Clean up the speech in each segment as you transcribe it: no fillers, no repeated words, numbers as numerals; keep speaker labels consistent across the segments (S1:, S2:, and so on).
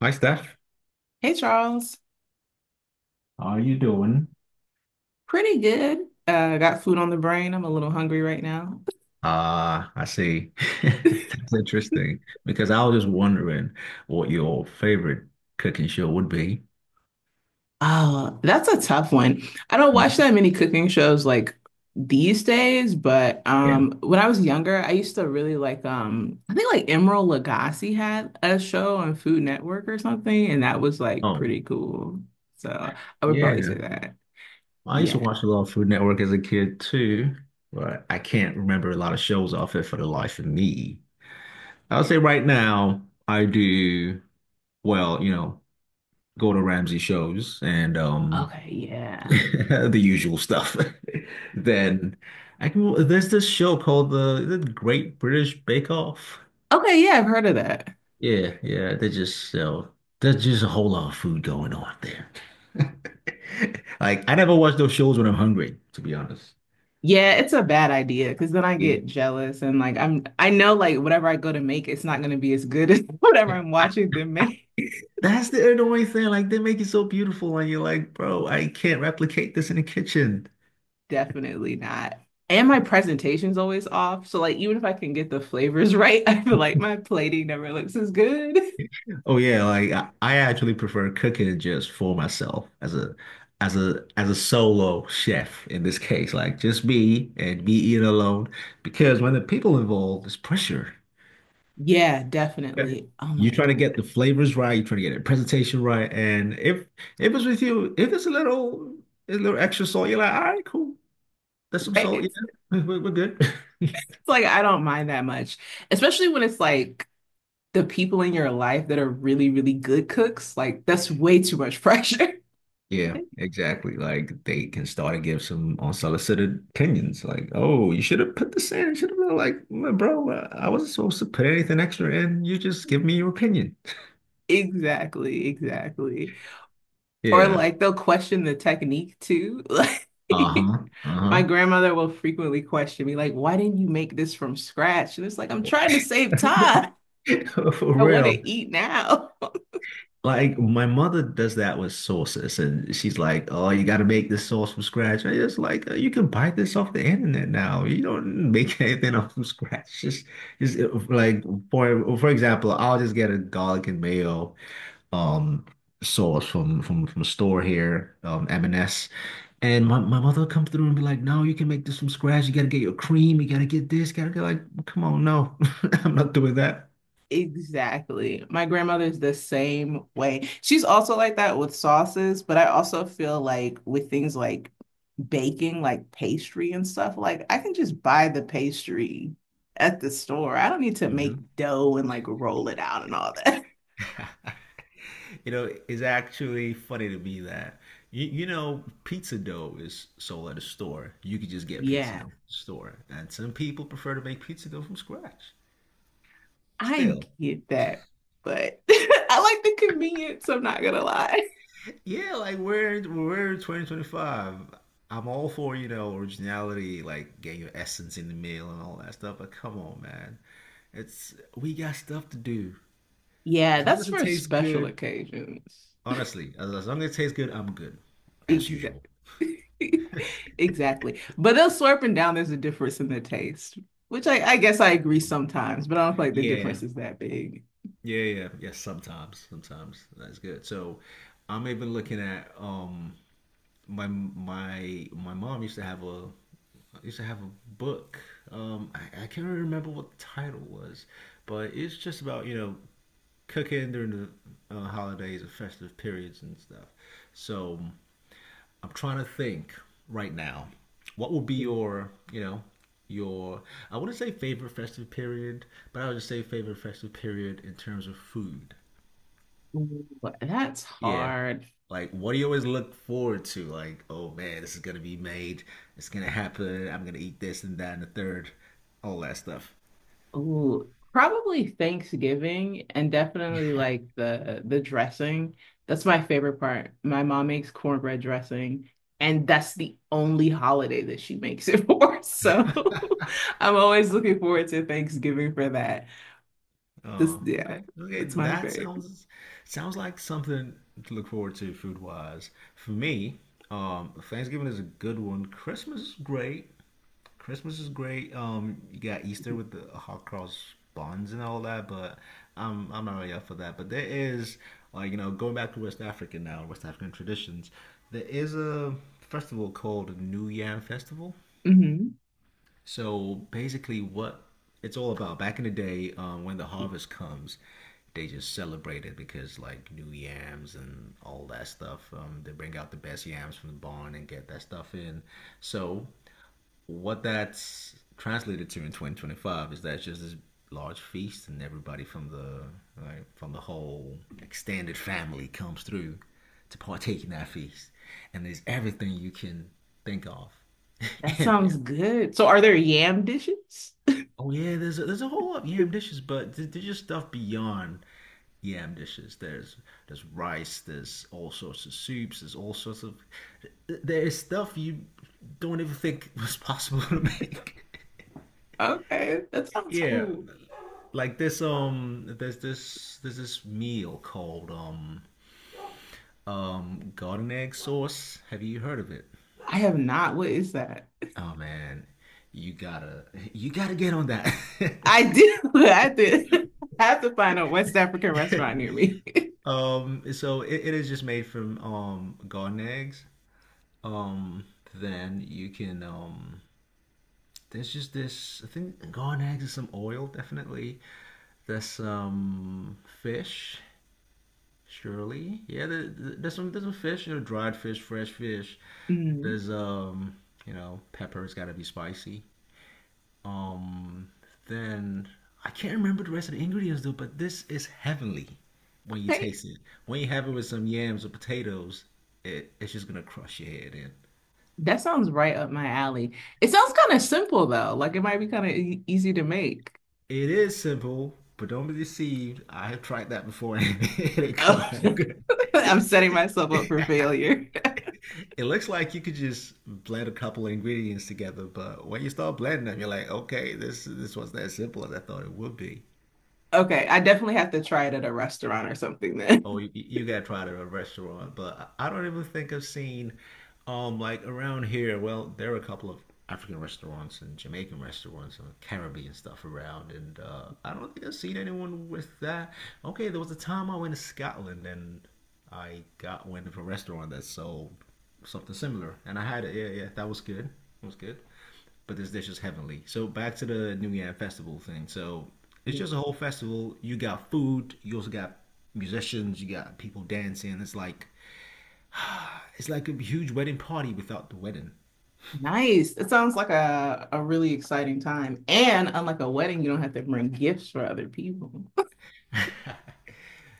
S1: Hi, Steph.
S2: Hey Charles,
S1: How are you doing?
S2: pretty good. Got food on the brain. I'm a little hungry right now.
S1: Ah, I see. That's interesting because I was just wondering what your favorite cooking show would be.
S2: Oh, that's a tough one. I don't
S1: Mhm.
S2: watch that many cooking shows like these days, but
S1: Yeah.
S2: when I was younger, I used to really like I think like Emeril Lagasse had a show on Food Network or something, and that was like
S1: Oh,
S2: pretty cool. So I would probably say
S1: yeah.
S2: that.
S1: I used to
S2: Yeah.
S1: watch a lot of Food Network as a kid too, but I can't remember a lot of shows off it for the life of me. I'll say right now, I do, well, go to Ramsey shows and
S2: Okay. Yeah.
S1: the usual stuff. Then I can, there's this show called is it Great British Bake Off.
S2: Okay. Yeah, I've heard of that.
S1: Yeah, yeah, they just sell. There's just a whole lot of food going on there. Like I never watch those shows when I'm hungry, to be honest.
S2: Yeah, it's a bad idea because then I
S1: Yeah.
S2: get jealous and like I know like whatever I go to make, it's not going to be as good as whatever I'm watching them make.
S1: That's the annoying thing. Like they make it so beautiful, and you're like, bro, I can't replicate this in the kitchen.
S2: Definitely not. And my presentation's always off. So like even if I can get the flavors right, I feel like my plating never looks as good.
S1: Oh yeah, like I actually prefer cooking just for myself as a solo chef in this case, like just me and me eating alone. Because when the people involved, there's pressure.
S2: Yeah,
S1: Yeah.
S2: definitely. Oh my
S1: You're trying
S2: God.
S1: to get the flavors right, you're trying to get the presentation right. And if it's with you, if it's a little extra salt, you're like, all right, cool. That's some
S2: Right.
S1: salt,
S2: It's,
S1: yeah. We're good.
S2: it's like I don't mind that much, especially when it's like the people in your life that are really, really good cooks. Like that's way too much pressure.
S1: Yeah, exactly. Like they can start to give some unsolicited opinions. Like, oh, you should have put this in. You should have been like, "Mm, bro, I wasn't supposed to put anything extra in. You just give me your opinion."
S2: Exactly, exactly. Or
S1: Yeah.
S2: like they'll question the technique too. Like
S1: Uh-huh.
S2: my
S1: Uh-huh.
S2: grandmother will frequently question me, like, why didn't you make this from scratch? And it's like, I'm trying to save time.
S1: For
S2: I want
S1: real.
S2: to eat now.
S1: Like my mother does that with sauces, and she's like, "Oh, you got to make this sauce from scratch." I just like, you can buy this off the internet now. You don't make anything up from scratch. Just like for example, I'll just get a garlic and mayo um sauce from a store here, M&S. And S. And my mother would come through and be like, "No, you can make this from scratch. You gotta get your cream. You gotta get this. Gotta get like, come on, no, I'm not doing that."
S2: Exactly. My grandmother's the same way. She's also like that with sauces, but I also feel like with things like baking, like pastry and stuff, like I can just buy the pastry at the store. I don't need to make
S1: Hmm.
S2: dough and like roll it out and all that.
S1: You know, it's actually funny to me that you know pizza dough is sold at a store. You could just get pizza
S2: Yeah,
S1: dough from the store, and some people prefer to make pizza dough from scratch.
S2: I
S1: Still,
S2: get that, but I like the convenience, I'm not gonna lie.
S1: yeah, like we're 2025. I'm all for, you know, originality, like getting your essence in the meal and all that stuff, but come on, man. It's we got stuff to do.
S2: Yeah,
S1: As long
S2: that's
S1: as it
S2: for
S1: tastes
S2: special
S1: good,
S2: occasions.
S1: honestly, as long as it tastes good, I'm good. As
S2: Exactly.
S1: usual.
S2: Exactly. But they us slurping down, there's a difference in the taste, which I guess I agree
S1: Um,
S2: sometimes, but I don't feel like the
S1: Yeah,
S2: difference is that big.
S1: yeah, yeah. Yes, sometimes. Sometimes. That's good. So I'm even looking at my mom used to have a book. I can't really remember what the title was, but it's just about you know cooking during the holidays and festive periods and stuff. So I'm trying to think right now, what would be your you know your I wouldn't say favorite festive period, but I would just say favorite festive period in terms of food.
S2: Ooh, that's
S1: Yeah,
S2: hard.
S1: like, what do you always look forward to? Like, oh man, this is gonna be made. It's gonna happen. I'm gonna eat this and that and the third, all that stuff.
S2: Ooh, probably Thanksgiving and definitely like the dressing. That's my favorite part. My mom makes cornbread dressing, and that's the only holiday that she makes it for. So I'm always looking forward to Thanksgiving for that. This,
S1: Oh,
S2: yeah,
S1: okay.
S2: that's my
S1: That
S2: favorite.
S1: sounds sounds like something to look forward to food wise. For me, Thanksgiving is a good one. Christmas is great. Christmas is great. You got Easter with the hot cross buns and all that, but I'm not really up for that. But there is like you know going back to West Africa now, West African traditions. There is a festival called New Yam Festival.
S2: Hmm.
S1: So basically, what it's all about. Back in the day, when the harvest comes, they just celebrate it because like new yams and all that stuff. They bring out the best yams from the barn and get that stuff in. So what that's translated to in 2025 is that it's just this large feast, and everybody from the like, from the whole extended family comes through to partake in that feast, and there's everything you can think of
S2: That
S1: in
S2: sounds
S1: there.
S2: good. So are there yam dishes?
S1: Oh yeah, there's a whole lot of yam dishes, but there's just stuff beyond yam dishes. There's rice, there's all sorts of soups, there's all sorts of there is stuff you don't even think was possible to make.
S2: Okay, that sounds
S1: Yeah,
S2: cool.
S1: like this there's this meal called garden egg sauce. Have you heard of it?
S2: I have not. What is that?
S1: Oh man, you gotta you gotta get on that.
S2: I do. I did. I have to find a West African restaurant near me.
S1: Um, so it is just made from garden eggs. Um, then you can there's just this I think garden eggs and some oil definitely. There's some fish surely, yeah. There's some fish, you know, dried fish, fresh fish.
S2: Mm,
S1: There's you know, pepper's got to be spicy. Um, then I can't remember the rest of the ingredients though, but this is heavenly when you
S2: okay,
S1: taste it. When you have it with some yams or potatoes, it's just gonna crush your head in.
S2: that sounds right up my alley. It sounds kind of simple though. Like it might be kind of e easy to make.
S1: It is simple, but don't be deceived. I have tried that before and it ain't come
S2: Oh.
S1: out good.
S2: I'm setting myself up for failure.
S1: It looks like you could just blend a couple of ingredients together, but when you start blending them, you're like, okay, this wasn't as simple as I thought it would be.
S2: Okay, I definitely have to try it at a restaurant or something
S1: Oh,
S2: then.
S1: you gotta try it at a restaurant, but I don't even think I've seen, like around here. Well, there are a couple of African restaurants and Jamaican restaurants and Caribbean stuff around, and I don't think I've seen anyone with that. Okay, there was a time I went to Scotland and I got went to a restaurant that sold something similar, and I had it. Yeah, yeah, that was good. It was good. But this dish is heavenly. So back to the New Year festival thing. So it's just a whole festival. You got food. You also got musicians. You got people dancing. It's like a huge wedding party without the wedding.
S2: Nice. It sounds like a really exciting time. And unlike a wedding, you don't have to bring gifts for other people.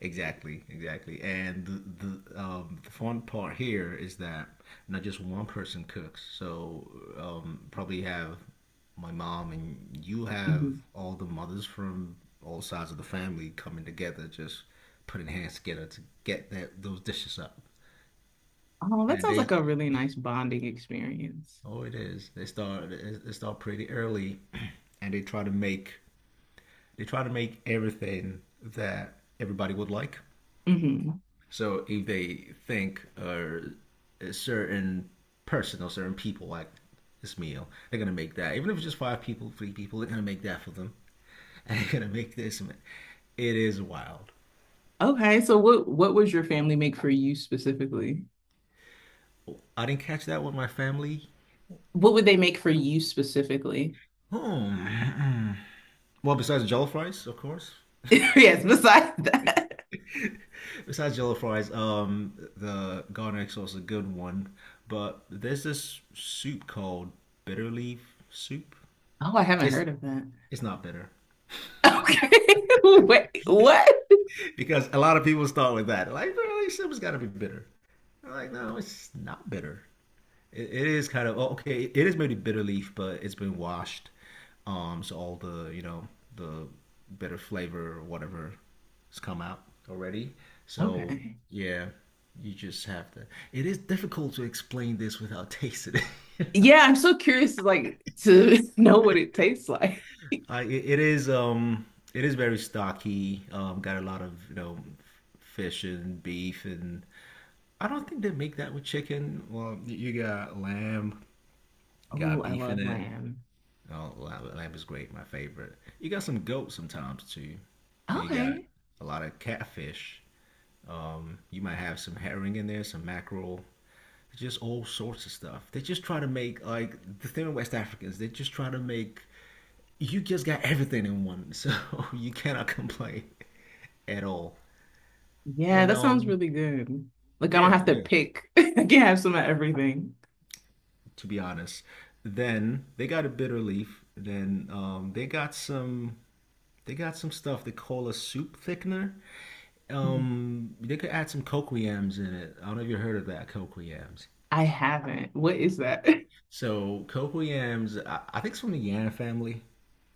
S1: Exactly, exactly. And the fun part here is that not just one person cooks. So probably have my mom and you have
S2: Mhm.
S1: all the mothers from all sides of the family coming together, just putting hands together to get that those dishes up.
S2: Oh, that
S1: And
S2: sounds like
S1: they,
S2: a really nice bonding experience.
S1: oh, it is. They start pretty early, and they try to make everything that everybody would like.
S2: Hmm.
S1: So if they think or a certain person or certain people like this meal, they're gonna make that. Even if it's just five people, three people, they're gonna make that for them. And they're gonna make this. Man. It is wild.
S2: Okay, so what was your family make for you specifically?
S1: I didn't catch that with my family.
S2: What would they make for you specifically?
S1: Hmm. Well, besides jello fries, of course.
S2: Yes, besides that.
S1: Besides jello fries, the garlic sauce is a good one. But there's this soup called bitter leaf soup.
S2: Oh, I haven't
S1: It's
S2: heard of that.
S1: it's not bitter.
S2: Okay. Wait, what?
S1: Because a lot of people start with that. Like, really, Simba's got to be bitter. I'm like, no, it's not bitter. It is kind of oh, okay. It is maybe bitter leaf, but it's been washed. So all the you know the bitter flavor or whatever has come out already. So
S2: Okay.
S1: yeah, you just have to. It is difficult to explain this without tasting it.
S2: Yeah, I'm so curious like to know what it tastes like.
S1: I, it is very stocky. Got a lot of you know fish and beef and I don't think they make that with chicken. Well, you got lamb, you
S2: Oh,
S1: got
S2: I
S1: beef in
S2: love
S1: it.
S2: lamb.
S1: Oh, lamb is great, my favorite. You got some goat sometimes too. And you got
S2: Okay.
S1: a lot of catfish. You might have some herring in there, some mackerel, just all sorts of stuff. They just try to make like the thing with West Africans. They just try to make you just got everything in one, so you cannot complain at all.
S2: Yeah,
S1: And
S2: that sounds really good. Like I don't
S1: yeah,
S2: have to
S1: yeah.
S2: pick. I can have some of everything.
S1: To be honest. Then they got a bitter leaf. Then they got some stuff they call a soup thickener.
S2: Mhm.
S1: They could add some cocoyams in it. I don't know if you heard of that cocoyams.
S2: I haven't. What is that?
S1: So cocoyams, I think it's from the yam family.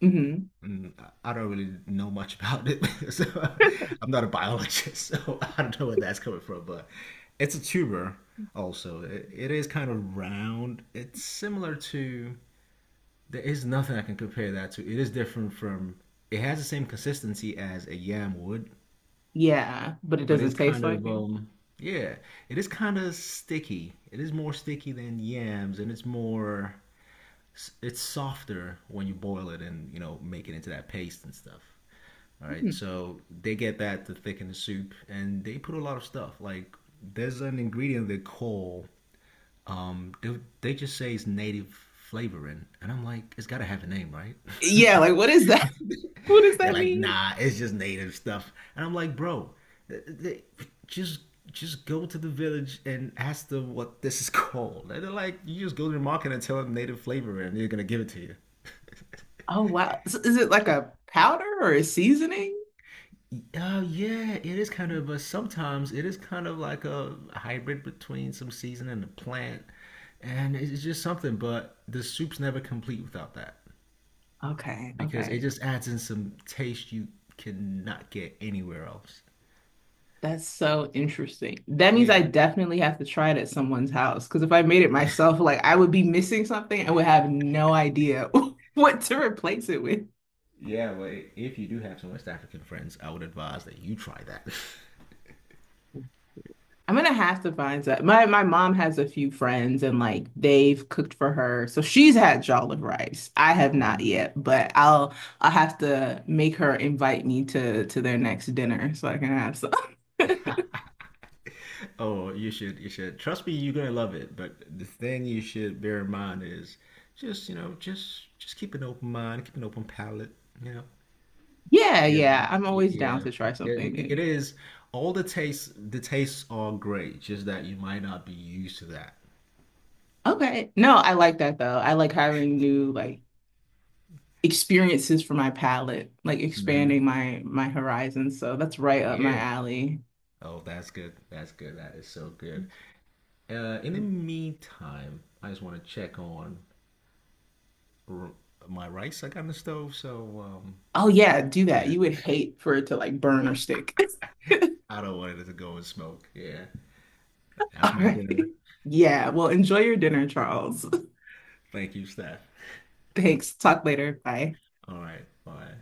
S2: Hmm.
S1: Mm, I don't really know much about it. So I'm not a biologist, so I don't know where that's coming from. But it's a tuber. Also, it is kind of round. It's similar to there is nothing I can compare that to. It is different from. It has the same consistency as a yam would,
S2: Yeah, but it
S1: but
S2: doesn't
S1: it's
S2: taste
S1: kind
S2: like
S1: of
S2: it.
S1: yeah, it is kind of sticky. It is more sticky than yams, and it's softer when you boil it and you know make it into that paste and stuff. All right,
S2: Mhm.
S1: so they get that to thicken the soup, and they put a lot of stuff. Like there's an ingredient they call they just say it's native flavoring, and I'm like, it's got to have a name, right?
S2: Yeah, like what is that? What does
S1: They're
S2: that
S1: like,
S2: mean?
S1: nah, it's just native stuff. And I'm like, bro, they just just go to the village and ask them what this is called. And they're like, you just go to the market and tell them native flavor, and they're gonna give it to you.
S2: Oh wow. So is it like a powder or a seasoning?
S1: Yeah, it is kind of, but sometimes it is kind of like a hybrid between some season and a plant, and it's just something. But the soup's never complete without that
S2: Okay,
S1: because it
S2: okay.
S1: just adds in some taste you cannot get anywhere else.
S2: That's so interesting. That means I
S1: Yeah,
S2: definitely have to try it at someone's house because if I made it myself, like I would be missing something and would have no idea what to replace it with.
S1: yeah, well, if you do have some West African friends, I would advise that you try that.
S2: I'm gonna have to find that. My mom has a few friends and like they've cooked for her. So she's had jollof rice. I have not
S1: Hmm.
S2: yet, but I'll have to make her invite me to their next dinner so I can have
S1: Oh, you should, you should. Trust me, you're gonna love it. But the thing you should bear in mind is just, you know, just keep an open mind, keep an open palate, you know.
S2: yeah,
S1: Yeah,
S2: yeah. I'm always down
S1: yeah.
S2: to try
S1: Yeah,
S2: something
S1: it
S2: new.
S1: is all the tastes are great, just that you might not be used to that.
S2: Okay. No, I like that though. I like having new like experiences for my palette, like
S1: Hmm.
S2: expanding my horizons. So that's right up my
S1: Yeah.
S2: alley.
S1: Oh, that's good. That's good. That is so good. In the meantime, I just want to check on r- my rice I got in the stove. So
S2: Oh yeah, do that.
S1: yeah,
S2: You would hate for it to like burn or stick.
S1: I don't want it to go and smoke. Yeah,
S2: All
S1: that's my
S2: right.
S1: dinner.
S2: Yeah. Well, enjoy your dinner, Charles.
S1: Thank you, Steph.
S2: Thanks. Talk later. Bye.
S1: All right, bye.